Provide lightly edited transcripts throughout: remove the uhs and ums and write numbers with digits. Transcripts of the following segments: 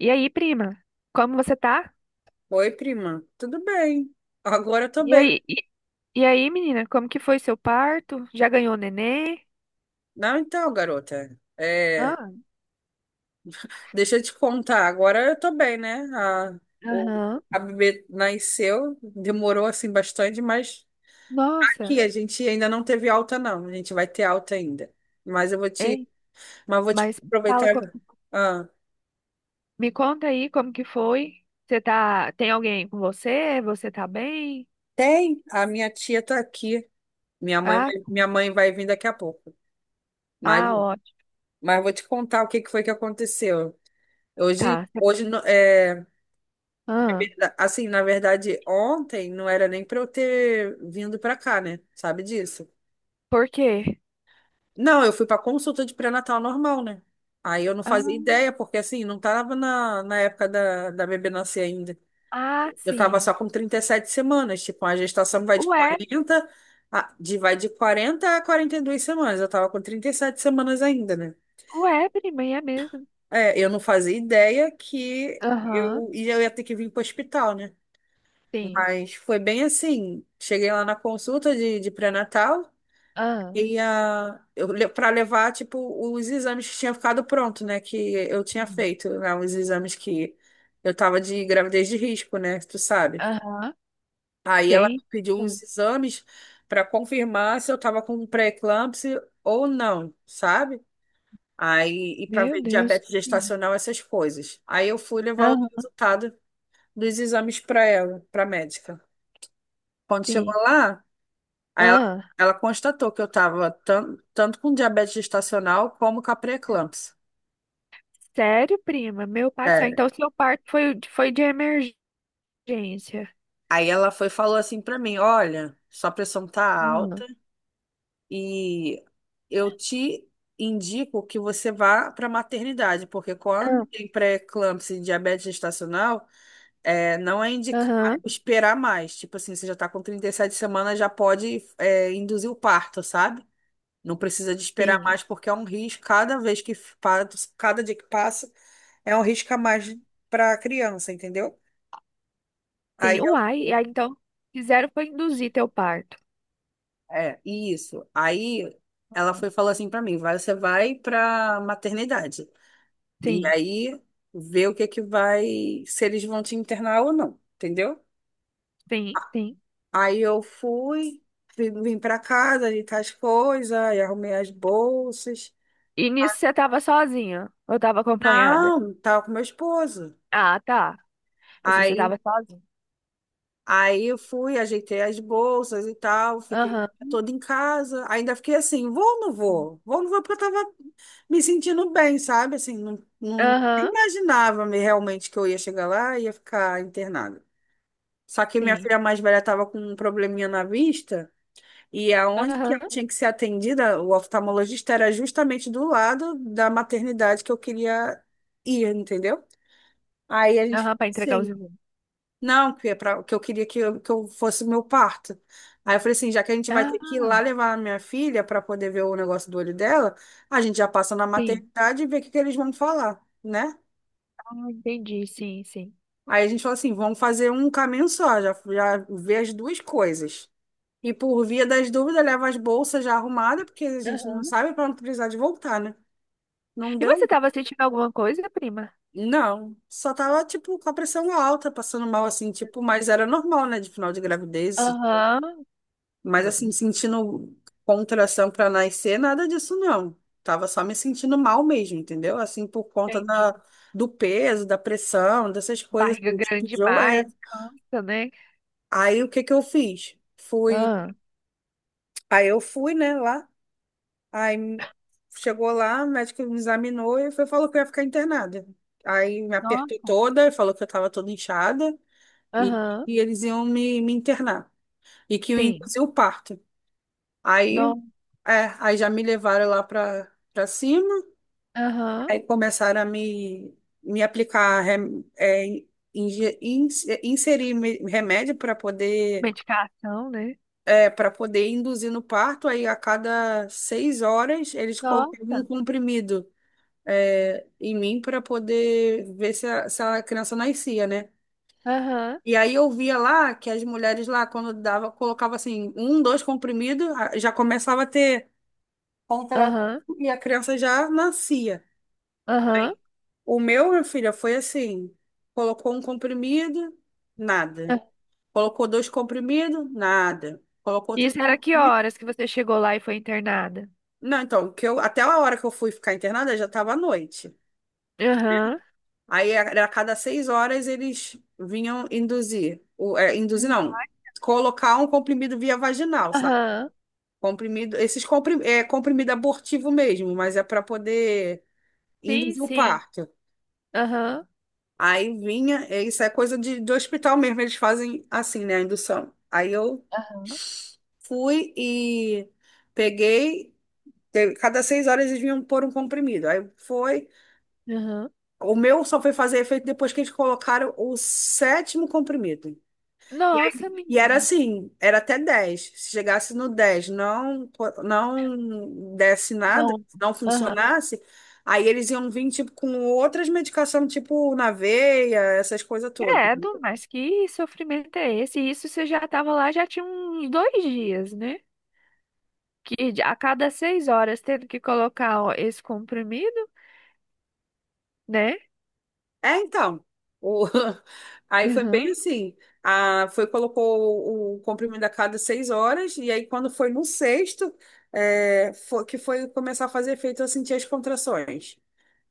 E aí, prima? Como você tá? Oi, prima. Tudo bem? Agora eu tô E bem. aí, e, e aí, menina, como que foi seu parto? Já ganhou nenê? Não, então, garota. É, Ah, deixa eu te contar. Agora eu tô bem, né? O, aham. a bebê nasceu, demorou assim bastante, mas aqui Nossa. a gente ainda não teve alta, não. A gente vai ter alta ainda. Mas eu vou te, Ei, mas vou te mas fala, aproveitar. Ah, me conta aí como que foi? Você tá, tem alguém com você? Você tá bem? tem? A minha tia tá aqui. Minha mãe, Ah, vai- minha mãe vai vir daqui a pouco. Mas, ah, ótimo. mas vou te contar o que que foi que aconteceu. Hoje, Tá. hoje. Ah, Assim, na verdade, ontem não era nem para eu ter vindo para cá, né? Sabe disso? por quê? Não, eu fui para consulta de pré-natal normal, né? Aí eu não fazia Ah, ideia, porque assim, não tava na época da bebê nascer ainda. ah, Eu tava sim. só com 37 semanas, tipo, a gestação vai de Ué, 40 a 42 semanas. Eu tava com 37 semanas ainda, né? ué, prima, é mesmo. É, eu não fazia ideia que Aham, eu, e eu ia ter que vir para o hospital, né? sim. Mas foi bem assim. Cheguei lá na consulta de pré-natal Ah, e eu para levar tipo os exames que tinha ficado pronto, né? Que eu tinha sim. feito, né? Os exames que eu tava de gravidez de risco, né? Tu sabe. Aham, Aí ela me tem. pediu uns exames para confirmar se eu tava com pré-eclâmpsia ou não, sabe? Aí e para Meu ver Deus. diabetes Sim. gestacional, essas coisas. Aí eu fui levar o Aham, resultado dos exames para ela, para médica. Quando chegou sim. lá. Aí ela, Ah, ela constatou que eu estava tanto com diabetes gestacional como com a pré-eclâmpsia. sério, prima? Meu pai do céu. É. Então, seu parto foi, de emergência. Aí ela foi e falou assim para mim: olha, sua pressão tá alta Hum. e eu te indico que você vá para maternidade, porque quando Ah. tem pré-eclâmpsia e diabetes gestacional, não é indicado Aham, esperar mais. Tipo assim, você já tá com 37 semanas, já pode, induzir o parto, sabe? Não precisa de esperar sim. mais, porque é um risco. Pa- cada dia que passa, é um risco a mais para a criança, entendeu? Aí, Sim. eu- Uai, e aí então fizeram foi induzir teu parto. é, isso. Aí ela Ah. foi e falou assim para mim: vai, você vai para maternidade. E Sim, aí vê o que que vai, se eles vão te internar ou não, entendeu? sim, sim. Aí eu fui, vim pra casa, ajeitar as coisas, aí arrumei as bolsas. E nisso você tava sozinha? Ou tava acompanhada? Não, tava com meu esposo. Ah, tá. Pensei que você tava Aí sozinha. Aí eu fui, ajeitei as bolsas e tal, fiquei Aham, toda em casa. Ainda fiquei assim, vou ou não vou? Vou ou não vou? Porque eu tava me sentindo bem, sabe? Assim, não, não aham, imaginava me realmente que eu ia chegar lá e ia ficar internada. Só que minha sim. filha mais velha estava com um probleminha na vista e aonde que Aham, ela tinha que ser atendida, o oftalmologista era justamente do lado da maternidade que eu queria ir, entendeu? Aí a gente, aham, para entregar os sim, exames. não, que, é pra, que eu queria que eu fosse o meu parto. Aí eu falei assim, já que a gente vai ter Ah, que ir lá levar a minha filha para poder ver o negócio do olho dela, a gente já passa na sim. maternidade e vê o que, que eles vão falar, né? Ah, entendi, sim, sim. Aí a gente falou assim, vamos fazer um caminho só, já, já ver as duas coisas. E por via das dúvidas, leva as bolsas já arrumadas, porque a gente não sabe para não precisar de voltar, né? Não E deu? você tava sentindo alguma coisa, prima? Não. Só tava, tipo, com a pressão alta, passando mal assim, tipo, mas era normal, né? De final de gravidez. Aham. Mas Não, assim, sentindo contração para nascer, nada disso não. Tava só me sentindo mal mesmo, entendeu? Assim, por conta entendi. da, do peso, da pressão, dessas coisas, Barriga assim, grande tipo de jogo. É. demais, cansa, né? Aí o que que eu fiz? Fui. Ah, Aí eu fui, né, lá. Aí chegou lá, o médico me examinou e foi, falou que eu ia ficar internada. Aí me apertou nossa. toda, falou que eu estava toda inchada e, Aham. e eles iam me internar. E que eu ia Sim. induzir o parto. Aí Não. aí já me levaram lá para cima, Aham. aí começaram a me aplicar, inserir remédio para poder, Medicação, né? Para poder induzir no parto, aí a cada 6 horas eles colocavam um Nossa. comprimido, em mim para poder ver se a criança nascia, né? Aham. E aí eu via lá que as mulheres lá, quando dava, colocava assim, um, dois comprimidos, já começava a ter contração Aham. e a criança já nascia. Aham. O meu, minha filha, foi assim: colocou um comprimido, nada. Ah. Colocou dois comprimidos, nada. Colocou três Isso era que comprimidos. horas que você chegou lá e foi internada? Não, então, que eu, até a hora que eu fui ficar internada já estava à noite. Aham. Aí era a cada 6 horas eles vinham induzir. Induzir não. Colocar um comprimido via vaginal, sabe? Aham. Comprimido, é comprimido abortivo mesmo, mas é para poder Sim, induzir o sim. parto. Aham. Aí vinha, isso é coisa de hospital mesmo, eles fazem assim, né, a indução. Aí eu Aham. fui e peguei, cada 6 horas eles vinham pôr um comprimido. Aí foi, Aham. o meu só foi fazer efeito depois que eles colocaram o sétimo comprimido. E, Nossa, aí- e era menina. assim, era até 10. Se chegasse no 10, não, não desse nada, Não. não Aham. funcionasse, aí eles iam vir tipo, com outras medicações, tipo na veia, essas coisas todas. Credo, mas que sofrimento é esse? Isso você já estava lá, já tinha uns dois dias, né? A cada seis horas tendo que colocar ó, esse comprimido, né? É, então. O- Aí foi bem Aham, assim. Foi, colocou o comprimido a cada 6 horas, e aí quando foi no sexto, que foi começar a fazer efeito, eu senti as contrações.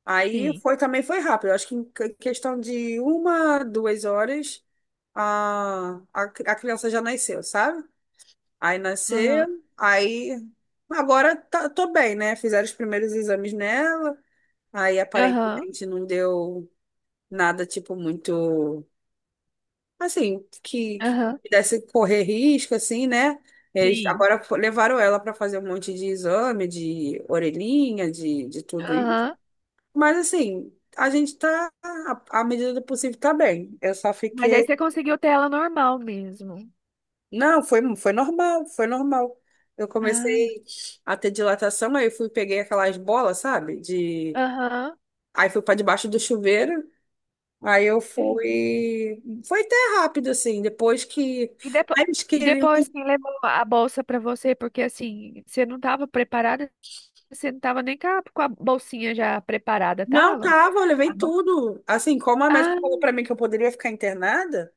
Aí sim. foi também foi rápido. Eu acho que questão de 1, 2 horas, a criança já nasceu, sabe? Aí nasceu, Aham, aí agora tô bem, né? Fizeram os primeiros exames nela, aí aham, aparentemente não deu. Nada, tipo, muito, assim, que aham, pudesse correr risco, assim, né? Eles sim. agora levaram ela para fazer um monte de exame, de orelhinha, de tudo isso. Aham. Mas, assim, a gente tá, à medida do possível, tá bem. Eu só Mas aí fiquei. você conseguiu ter ela normal mesmo. Não, foi normal, foi normal. Eu Ah, comecei a ter dilatação, aí fui, peguei aquelas bolas, sabe? De... aham. Aí fui para debaixo do chuveiro. Aí eu Eita. fui. Foi até rápido, assim. Depois que. E, depo Aí eles e queriam. depois quem levou a bolsa para você? Porque assim, você não estava preparada, você não estava nem com a bolsinha já preparada, Não, tava? tava, eu levei Tá bom. tudo. Assim, como a médica falou pra mim que eu poderia ficar internada,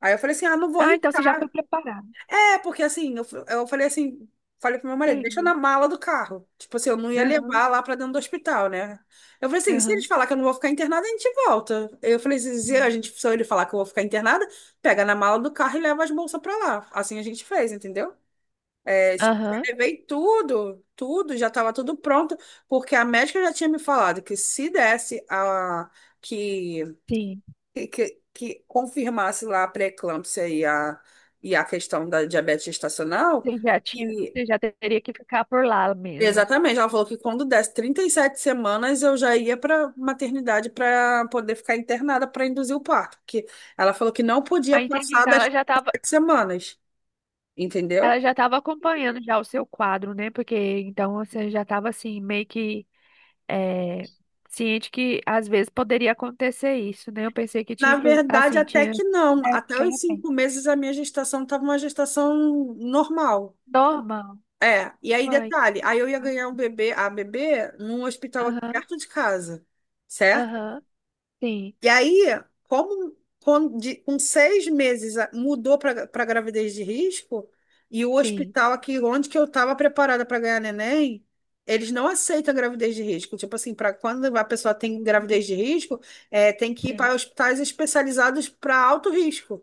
aí eu falei assim: ah, não vou Ah, então você já foi preparado. é porque assim, eu falei assim. Falei pro meu marido, deixa Entendi. na mala do carro. Tipo assim, eu não ia Aham, levar lá pra dentro do hospital, né? Eu falei assim, se eles aham, falar que eu não vou ficar internada, a gente volta. Eu falei assim, se a sim. gente, se ele falar que eu vou ficar internada, pega na mala do carro e leva as bolsas pra lá. Assim a gente fez, entendeu? Tipo, já Aham, levei tudo, tudo, já estava tudo pronto, porque a médica já tinha me falado que se desse a que sim. que, que confirmasse lá a pré-eclâmpsia e a questão da diabetes gestacional, que Você já teria que ficar por lá mesmo. exatamente, ela falou que quando desse 37 semanas eu já ia para maternidade para poder ficar internada para induzir o parto, porque ela falou que não podia Ah, entendi. passar das 37 semanas, entendeu? Ela já estava acompanhando já o seu quadro, né? Porque então você já estava assim meio que eh, ciente que às vezes poderia acontecer isso, né? Eu pensei que Na tinha verdade, assim até tinha que não. Até de os repente. 5 meses a minha gestação estava uma gestação normal. Normal. É, e aí Vai. detalhe, aí eu ia ganhar um bebê, a bebê, num hospital aqui Aham, perto de casa, certo? aham. Sim, E aí, com 6 meses mudou para gravidez de risco, e o sim. hospital aqui onde que eu estava preparada para ganhar neném, eles não aceitam gravidez de risco. Tipo assim, para quando a pessoa tem gravidez de risco, tem que ir Sim. para hospitais especializados para alto risco.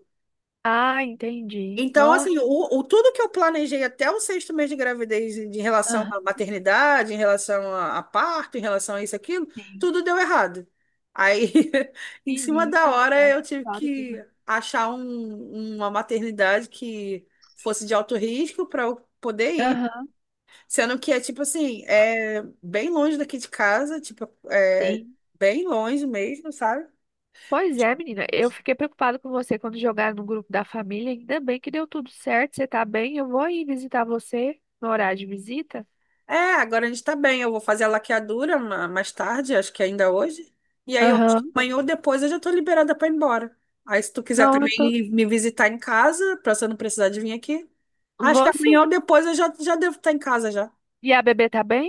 Ah, entendi. Então, Nossa. assim, tudo que eu planejei até o sexto mês de gravidez, em relação à maternidade, em relação a, parto, em relação a isso, aquilo, Sim. tudo deu errado. Aí, em cima da Menina do hora, céu, que eu tive história que que mais. achar uma maternidade que fosse de alto risco para eu poder ir. Aham. Sendo que é, tipo assim, é bem longe daqui de casa, tipo, é Sim. bem longe mesmo, sabe? Pois é, menina, eu fiquei preocupada com você quando jogaram no grupo da família. Ainda bem que deu tudo certo, você tá bem. Eu vou aí visitar você no horário de visita. É, agora a gente tá bem. Eu vou fazer a laqueadura mais tarde, acho que ainda hoje. E aí, eu acho que Aham. amanhã ou depois eu já tô liberada pra ir embora. Aí, se tu quiser Não, eu tô... também me visitar em casa, pra você não precisar de vir aqui. Acho que Vou amanhã ou sim. depois eu já, já devo estar em casa já. E a bebê tá bem?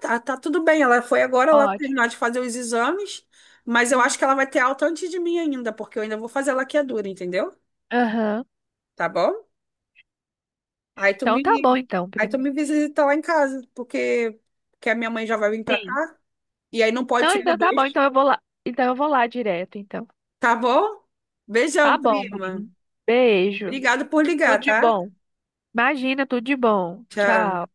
Tá, tá tudo bem. Ela foi agora lá terminar Ótimo. de fazer os exames, mas eu acho Hum, que ela vai ter alta antes de mim ainda, porque eu ainda vou fazer a laqueadura, entendeu? Aham. Tá bom? Aí tu Então me, tá bom então, aí tu primo. me visita lá em casa, porque, porque a minha mãe já vai vir pra cá. Sim. E aí não pode Não, subir então tá bom, dois. então eu vou lá. Então eu vou lá direto, então. Tá bom? Tá Beijão, bom, prima. primo. Beijo. Obrigada por Tudo ligar, de tá? bom. Imagina, tudo de bom. Tchau. Tchau.